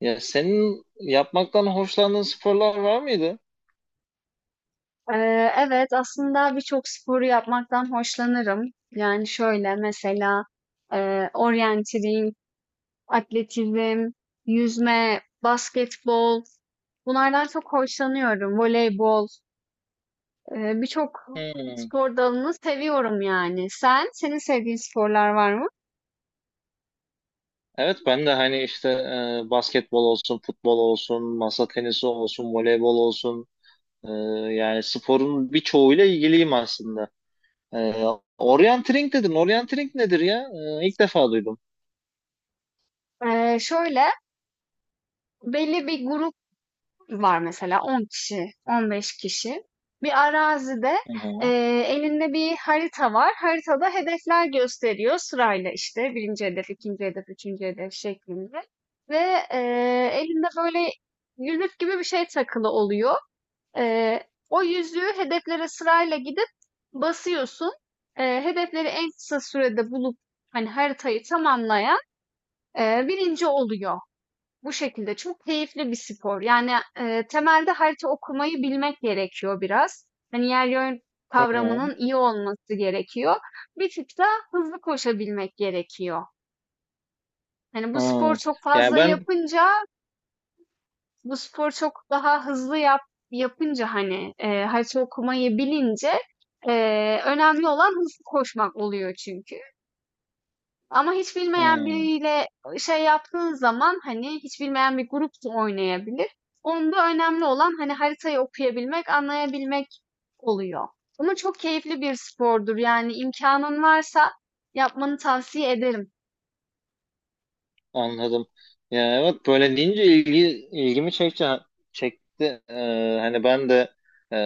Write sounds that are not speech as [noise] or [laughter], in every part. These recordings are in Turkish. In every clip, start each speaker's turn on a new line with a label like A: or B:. A: Ya senin yapmaktan hoşlandığın sporlar var mıydı?
B: Evet, aslında birçok sporu yapmaktan hoşlanırım. Yani şöyle mesela oryantiling, atletizm, yüzme, basketbol bunlardan çok hoşlanıyorum. Voleybol, birçok
A: Hmm.
B: spor dalını seviyorum yani. Senin sevdiğin sporlar var mı?
A: Evet ben de hani işte basketbol olsun, futbol olsun, masa tenisi olsun, voleybol olsun, e, yani sporun birçoğuyla ilgiliyim aslında. E, Orientering dedin. Orientering nedir ya? İlk defa duydum.
B: Şöyle belli bir grup var mesela 10 kişi, 15 kişi. Bir arazide
A: Hı
B: e,
A: hı.
B: elinde bir harita var. Haritada hedefler gösteriyor sırayla işte birinci hedef, ikinci hedef, üçüncü hedef şeklinde. Ve e, elinde böyle yüzük gibi bir şey takılı oluyor. E, O yüzüğü hedeflere sırayla gidip basıyorsun. Hedefleri en kısa sürede bulup hani haritayı tamamlayan birinci oluyor. Bu şekilde çok keyifli bir spor. Yani, temelde harita okumayı bilmek gerekiyor biraz. Hani, yer yön
A: Hı hı.
B: kavramının iyi olması gerekiyor. Bir tık da hızlı koşabilmek gerekiyor. Hani, bu spor
A: Hı.
B: çok
A: Yani
B: fazla
A: ben
B: yapınca, bu spor çok daha hızlı yapınca, hani, harita okumayı bilince, önemli olan hızlı koşmak oluyor çünkü. Ama hiç bilmeyen
A: Hı.
B: biriyle şey yaptığın zaman hani hiç bilmeyen bir grup da oynayabilir. Onda önemli olan hani haritayı okuyabilmek, anlayabilmek oluyor. Ama çok keyifli bir spordur. Yani imkanın varsa yapmanı tavsiye ederim.
A: Anladım. Ya evet böyle deyince ilgimi çekti. Hani ben de e,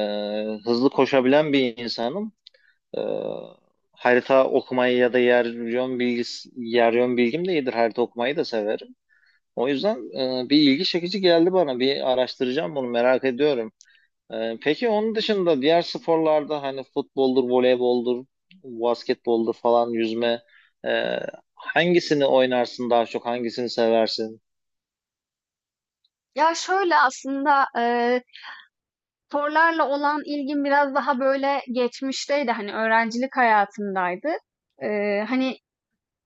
A: hızlı koşabilen bir insanım. Ee, Harita okumayı ya da yer yön bilgim de iyidir. Harita okumayı da severim. O yüzden bir ilgi çekici geldi bana. Bir araştıracağım, bunu merak ediyorum. Peki onun dışında diğer sporlarda hani futboldur, voleyboldur, basketboldur falan, yüzme, e, hangisini oynarsın daha çok, hangisini seversin?
B: Ya şöyle aslında sporlarla olan ilgim biraz daha böyle geçmişteydi. Hani öğrencilik hayatımdaydı. E, hani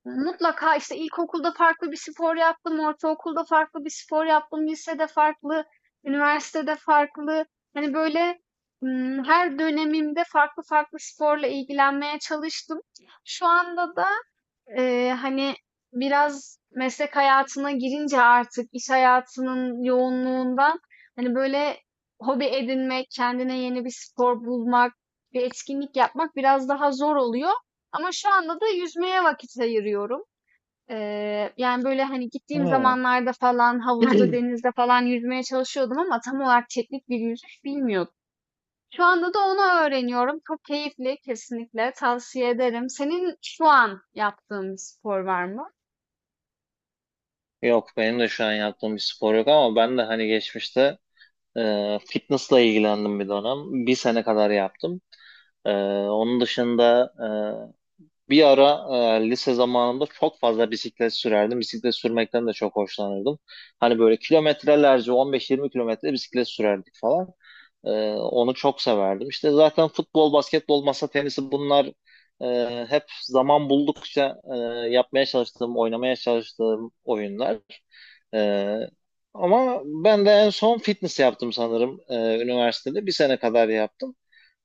B: Mutlaka işte ilkokulda farklı bir spor yaptım, ortaokulda farklı bir spor yaptım, lisede farklı, üniversitede farklı. Hani böyle her dönemimde farklı farklı sporla ilgilenmeye çalıştım. Şu anda da e, hani biraz meslek hayatına girince artık iş hayatının yoğunluğundan hani böyle hobi edinmek, kendine yeni bir spor bulmak, bir etkinlik yapmak biraz daha zor oluyor. Ama şu anda da yüzmeye vakit ayırıyorum. Yani, böyle, hani, gittiğim
A: Hmm.
B: zamanlarda falan havuzda,
A: [clears throat]
B: denizde falan yüzmeye çalışıyordum ama tam olarak teknik bir yüzüş bilmiyordum. Şu anda da onu öğreniyorum. Çok keyifli, kesinlikle tavsiye ederim. Senin şu an yaptığın bir spor var mı?
A: Yok, benim de şu an yaptığım bir spor yok ama ben de hani geçmişte fitnessla ilgilendim bir dönem. Bir sene kadar yaptım. E, Onun dışında bir ara lise zamanımda çok fazla bisiklet sürerdim. Bisiklet sürmekten de çok hoşlanırdım. Hani böyle kilometrelerce 15-20 kilometre bisiklet sürerdik falan. Onu çok severdim. İşte zaten futbol, basketbol, masa tenisi, bunlar hep zaman buldukça yapmaya çalıştığım, oynamaya çalıştığım oyunlar. Ee, Ama ben de en son fitness yaptım sanırım, üniversitede. Bir sene kadar yaptım.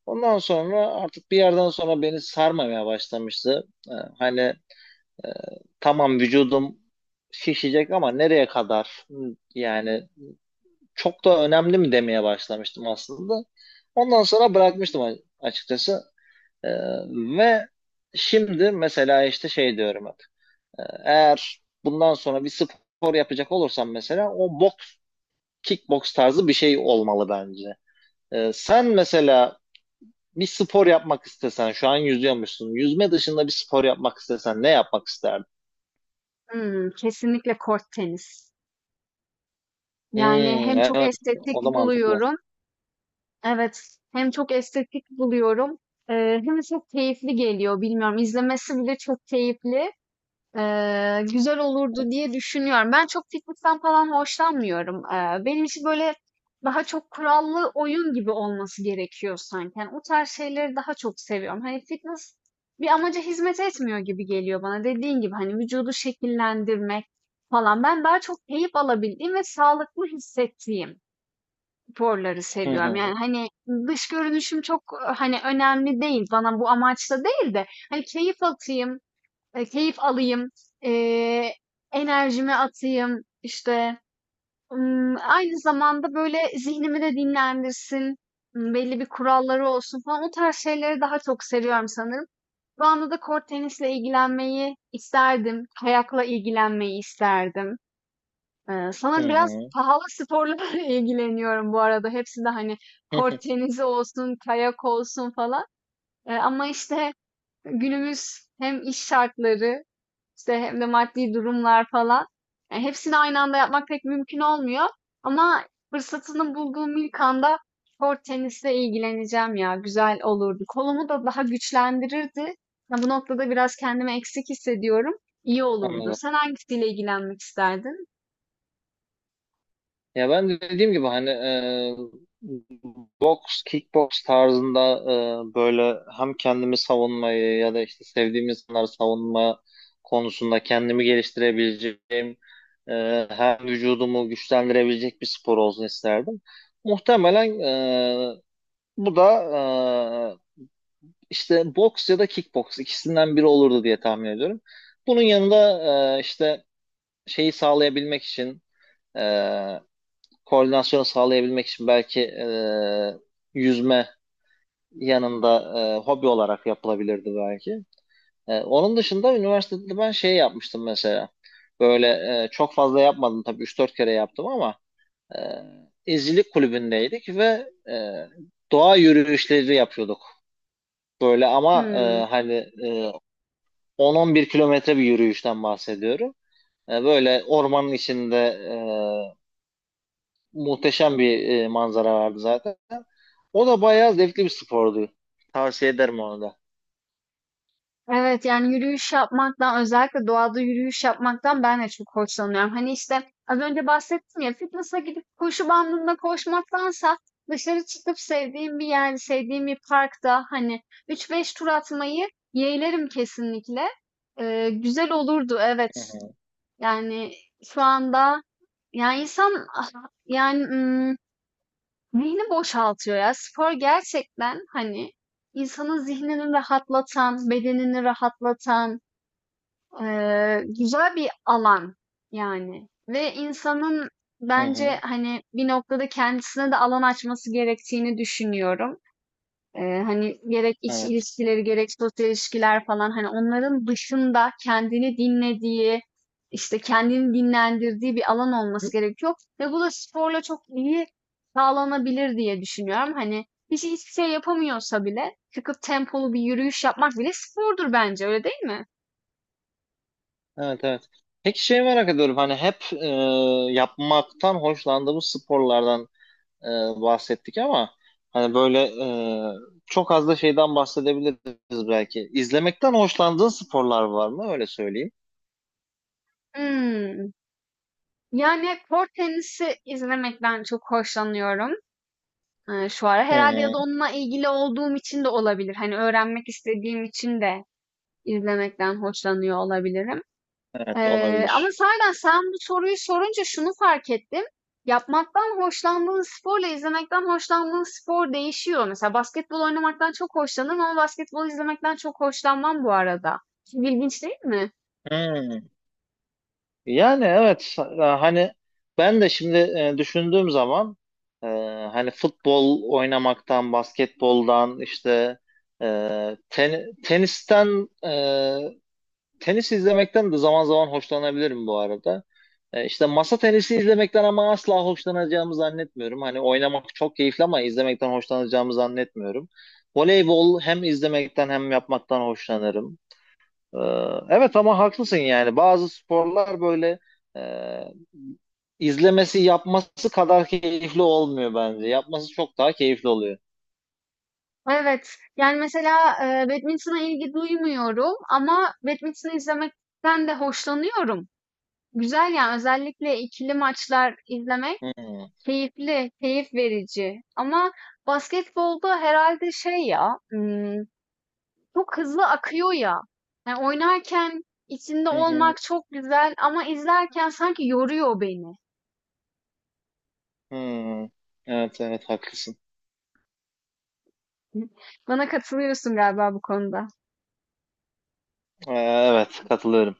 A: Ondan sonra artık bir yerden sonra beni sarmamaya başlamıştı. Hani, e, tamam, vücudum şişecek ama nereye kadar? Yani çok da önemli mi demeye başlamıştım aslında. Ondan sonra bırakmıştım açıkçası. Ee, Ve şimdi mesela işte şey diyorum hep. Eğer bundan sonra bir spor yapacak olursam mesela, o boks, kickboks tarzı bir şey olmalı bence. Sen mesela bir spor yapmak istesen, şu an yüzüyormuşsun. Yüzme dışında bir spor yapmak istesen ne yapmak isterdin?
B: Hımm, kesinlikle kort tenis.
A: Hmm,
B: Yani, hem çok
A: evet,
B: estetik
A: o da mantıklı.
B: buluyorum. Evet, hem çok estetik buluyorum, hem de çok keyifli geliyor. Bilmiyorum, izlemesi bile çok keyifli. Güzel olurdu diye düşünüyorum. Ben çok fitness'ten falan hoşlanmıyorum. Benim için böyle daha çok kurallı oyun gibi olması gerekiyor sanki. Yani o tarz şeyleri daha çok seviyorum. Hani fitness bir amaca hizmet etmiyor gibi geliyor bana. Dediğin gibi hani vücudu şekillendirmek falan. Ben daha çok keyif alabildiğim ve sağlıklı hissettiğim sporları
A: Hı
B: seviyorum.
A: hı,
B: Yani hani dış görünüşüm çok hani önemli değil. Bana bu amaçla değil de hani keyif atayım, keyif alayım, eee, enerjimi atayım işte. Hmm, aynı zamanda böyle zihnimi de dinlendirsin, hmm, belli bir kuralları olsun falan o tarz şeyleri daha çok seviyorum sanırım. Şu anda da kort tenisle ilgilenmeyi isterdim, kayakla ilgilenmeyi isterdim.
A: hı
B: Sanırım biraz
A: hı,
B: pahalı sporlarla [laughs] ilgileniyorum bu arada. Hepsi de hani
A: hı hı.
B: kort tenisi olsun, kayak olsun falan. Ama işte günümüz hem iş şartları işte hem de maddi durumlar falan. Yani hepsini aynı anda yapmak pek mümkün olmuyor. Ama fırsatını bulduğum ilk anda kort tenisle ilgileneceğim ya. Güzel olurdu. Kolumu da daha güçlendirirdi. Ya bu noktada biraz kendimi eksik hissediyorum. İyi olurdu.
A: Anladım.
B: Sen hangisiyle ilgilenmek isterdin?
A: Ya ben de dediğim gibi hani, boks, kickboks tarzında böyle hem kendimi savunmayı ya da işte sevdiğim insanları savunma konusunda kendimi geliştirebileceğim, hem vücudumu güçlendirebilecek bir spor olsun isterdim. Muhtemelen e, bu da e, işte boks ya da kickboks, ikisinden biri olurdu diye tahmin ediyorum. Bunun yanında işte şeyi sağlayabilmek için, e, koordinasyonu sağlayabilmek için, belki yüzme yanında hobi olarak yapılabilirdi belki. Onun dışında üniversitede ben şey yapmıştım mesela. Böyle, çok fazla yapmadım tabii, üç dört kere yaptım ama e, izcilik kulübündeydik ve doğa yürüyüşleri yapıyorduk. Böyle ama
B: Hmm.
A: hani, e, 10-11 kilometre bir yürüyüşten bahsediyorum. Böyle ormanın içinde e, muhteşem bir manzara vardı zaten. O da bayağı zevkli bir spordu. Tavsiye ederim onu da.
B: Evet yani yürüyüş yapmaktan özellikle doğada yürüyüş yapmaktan ben de çok hoşlanıyorum. Hani işte az önce bahsettim ya fitness'a gidip koşu bandında koşmaktansa dışarı çıkıp sevdiğim bir yerde, sevdiğim bir parkta hani üç beş tur atmayı yeğlerim kesinlikle. Güzel olurdu
A: Hı
B: evet.
A: hı.
B: Yani şu anda yani insan ah, yani ım, zihni boşaltıyor ya. Spor gerçekten hani insanın zihnini rahatlatan, bedenini rahatlatan güzel bir alan yani ve insanın
A: Hı
B: bence
A: hı.
B: hani bir noktada kendisine de alan açması gerektiğini düşünüyorum. Hani gerek iş
A: Evet.
B: ilişkileri gerek sosyal ilişkiler falan hani onların dışında kendini dinlediği işte kendini dinlendirdiği bir alan olması gerekiyor ve bu da sporla çok iyi sağlanabilir diye düşünüyorum. Hani kişi hiçbir şey yapamıyorsa bile çıkıp tempolu bir yürüyüş yapmak bile spordur bence öyle değil mi?
A: Evet, evet. Peki şey merak ediyorum, hani hep yapmaktan hoşlandığımız sporlardan e, bahsettik ama hani böyle çok az da şeyden bahsedebiliriz belki. İzlemekten hoşlandığın sporlar var mı? Öyle söyleyeyim.
B: Hmm. Yani, kort tenisi izlemekten çok hoşlanıyorum, şu ara.
A: Hı
B: Herhalde ya
A: hı.
B: da onunla ilgili olduğum için de olabilir. Hani, öğrenmek istediğim için de izlemekten hoşlanıyor olabilirim.
A: Evet,
B: Ama
A: olabilir.
B: sahiden sen bu soruyu sorunca şunu fark ettim. Yapmaktan hoşlandığın sporla izlemekten hoşlandığın spor değişiyor. Mesela basketbol oynamaktan çok hoşlanırım ama basketbol izlemekten çok hoşlanmam bu arada. Çok ilginç değil mi?
A: Hı. Yani evet, hani ben de şimdi düşündüğüm zaman, e, hani futbol oynamaktan, basketboldan, işte e, tenisten, tenis izlemekten de zaman zaman hoşlanabilirim bu arada. İşte masa tenisi izlemekten ama asla hoşlanacağımı zannetmiyorum. Hani oynamak çok keyifli ama izlemekten hoşlanacağımı zannetmiyorum. Voleybol hem izlemekten hem yapmaktan hoşlanırım. Ee, Evet ama haklısın, yani bazı sporlar böyle, e, izlemesi yapması kadar keyifli olmuyor bence. Yapması çok daha keyifli oluyor.
B: Evet. Yani mesela, badminton'a ilgi duymuyorum ama badminton'u izlemekten de hoşlanıyorum. Güzel yani özellikle ikili maçlar izlemek
A: Hmm.
B: keyifli, keyif verici. Ama basketbolda herhalde şey ya, çok hızlı akıyor ya. Yani oynarken içinde
A: Hı hı.
B: olmak çok güzel ama izlerken sanki yoruyor beni.
A: Hmm. Evet, evet haklısın.
B: [laughs] Bana katılıyorsun galiba bu konuda.
A: Evet, katılıyorum.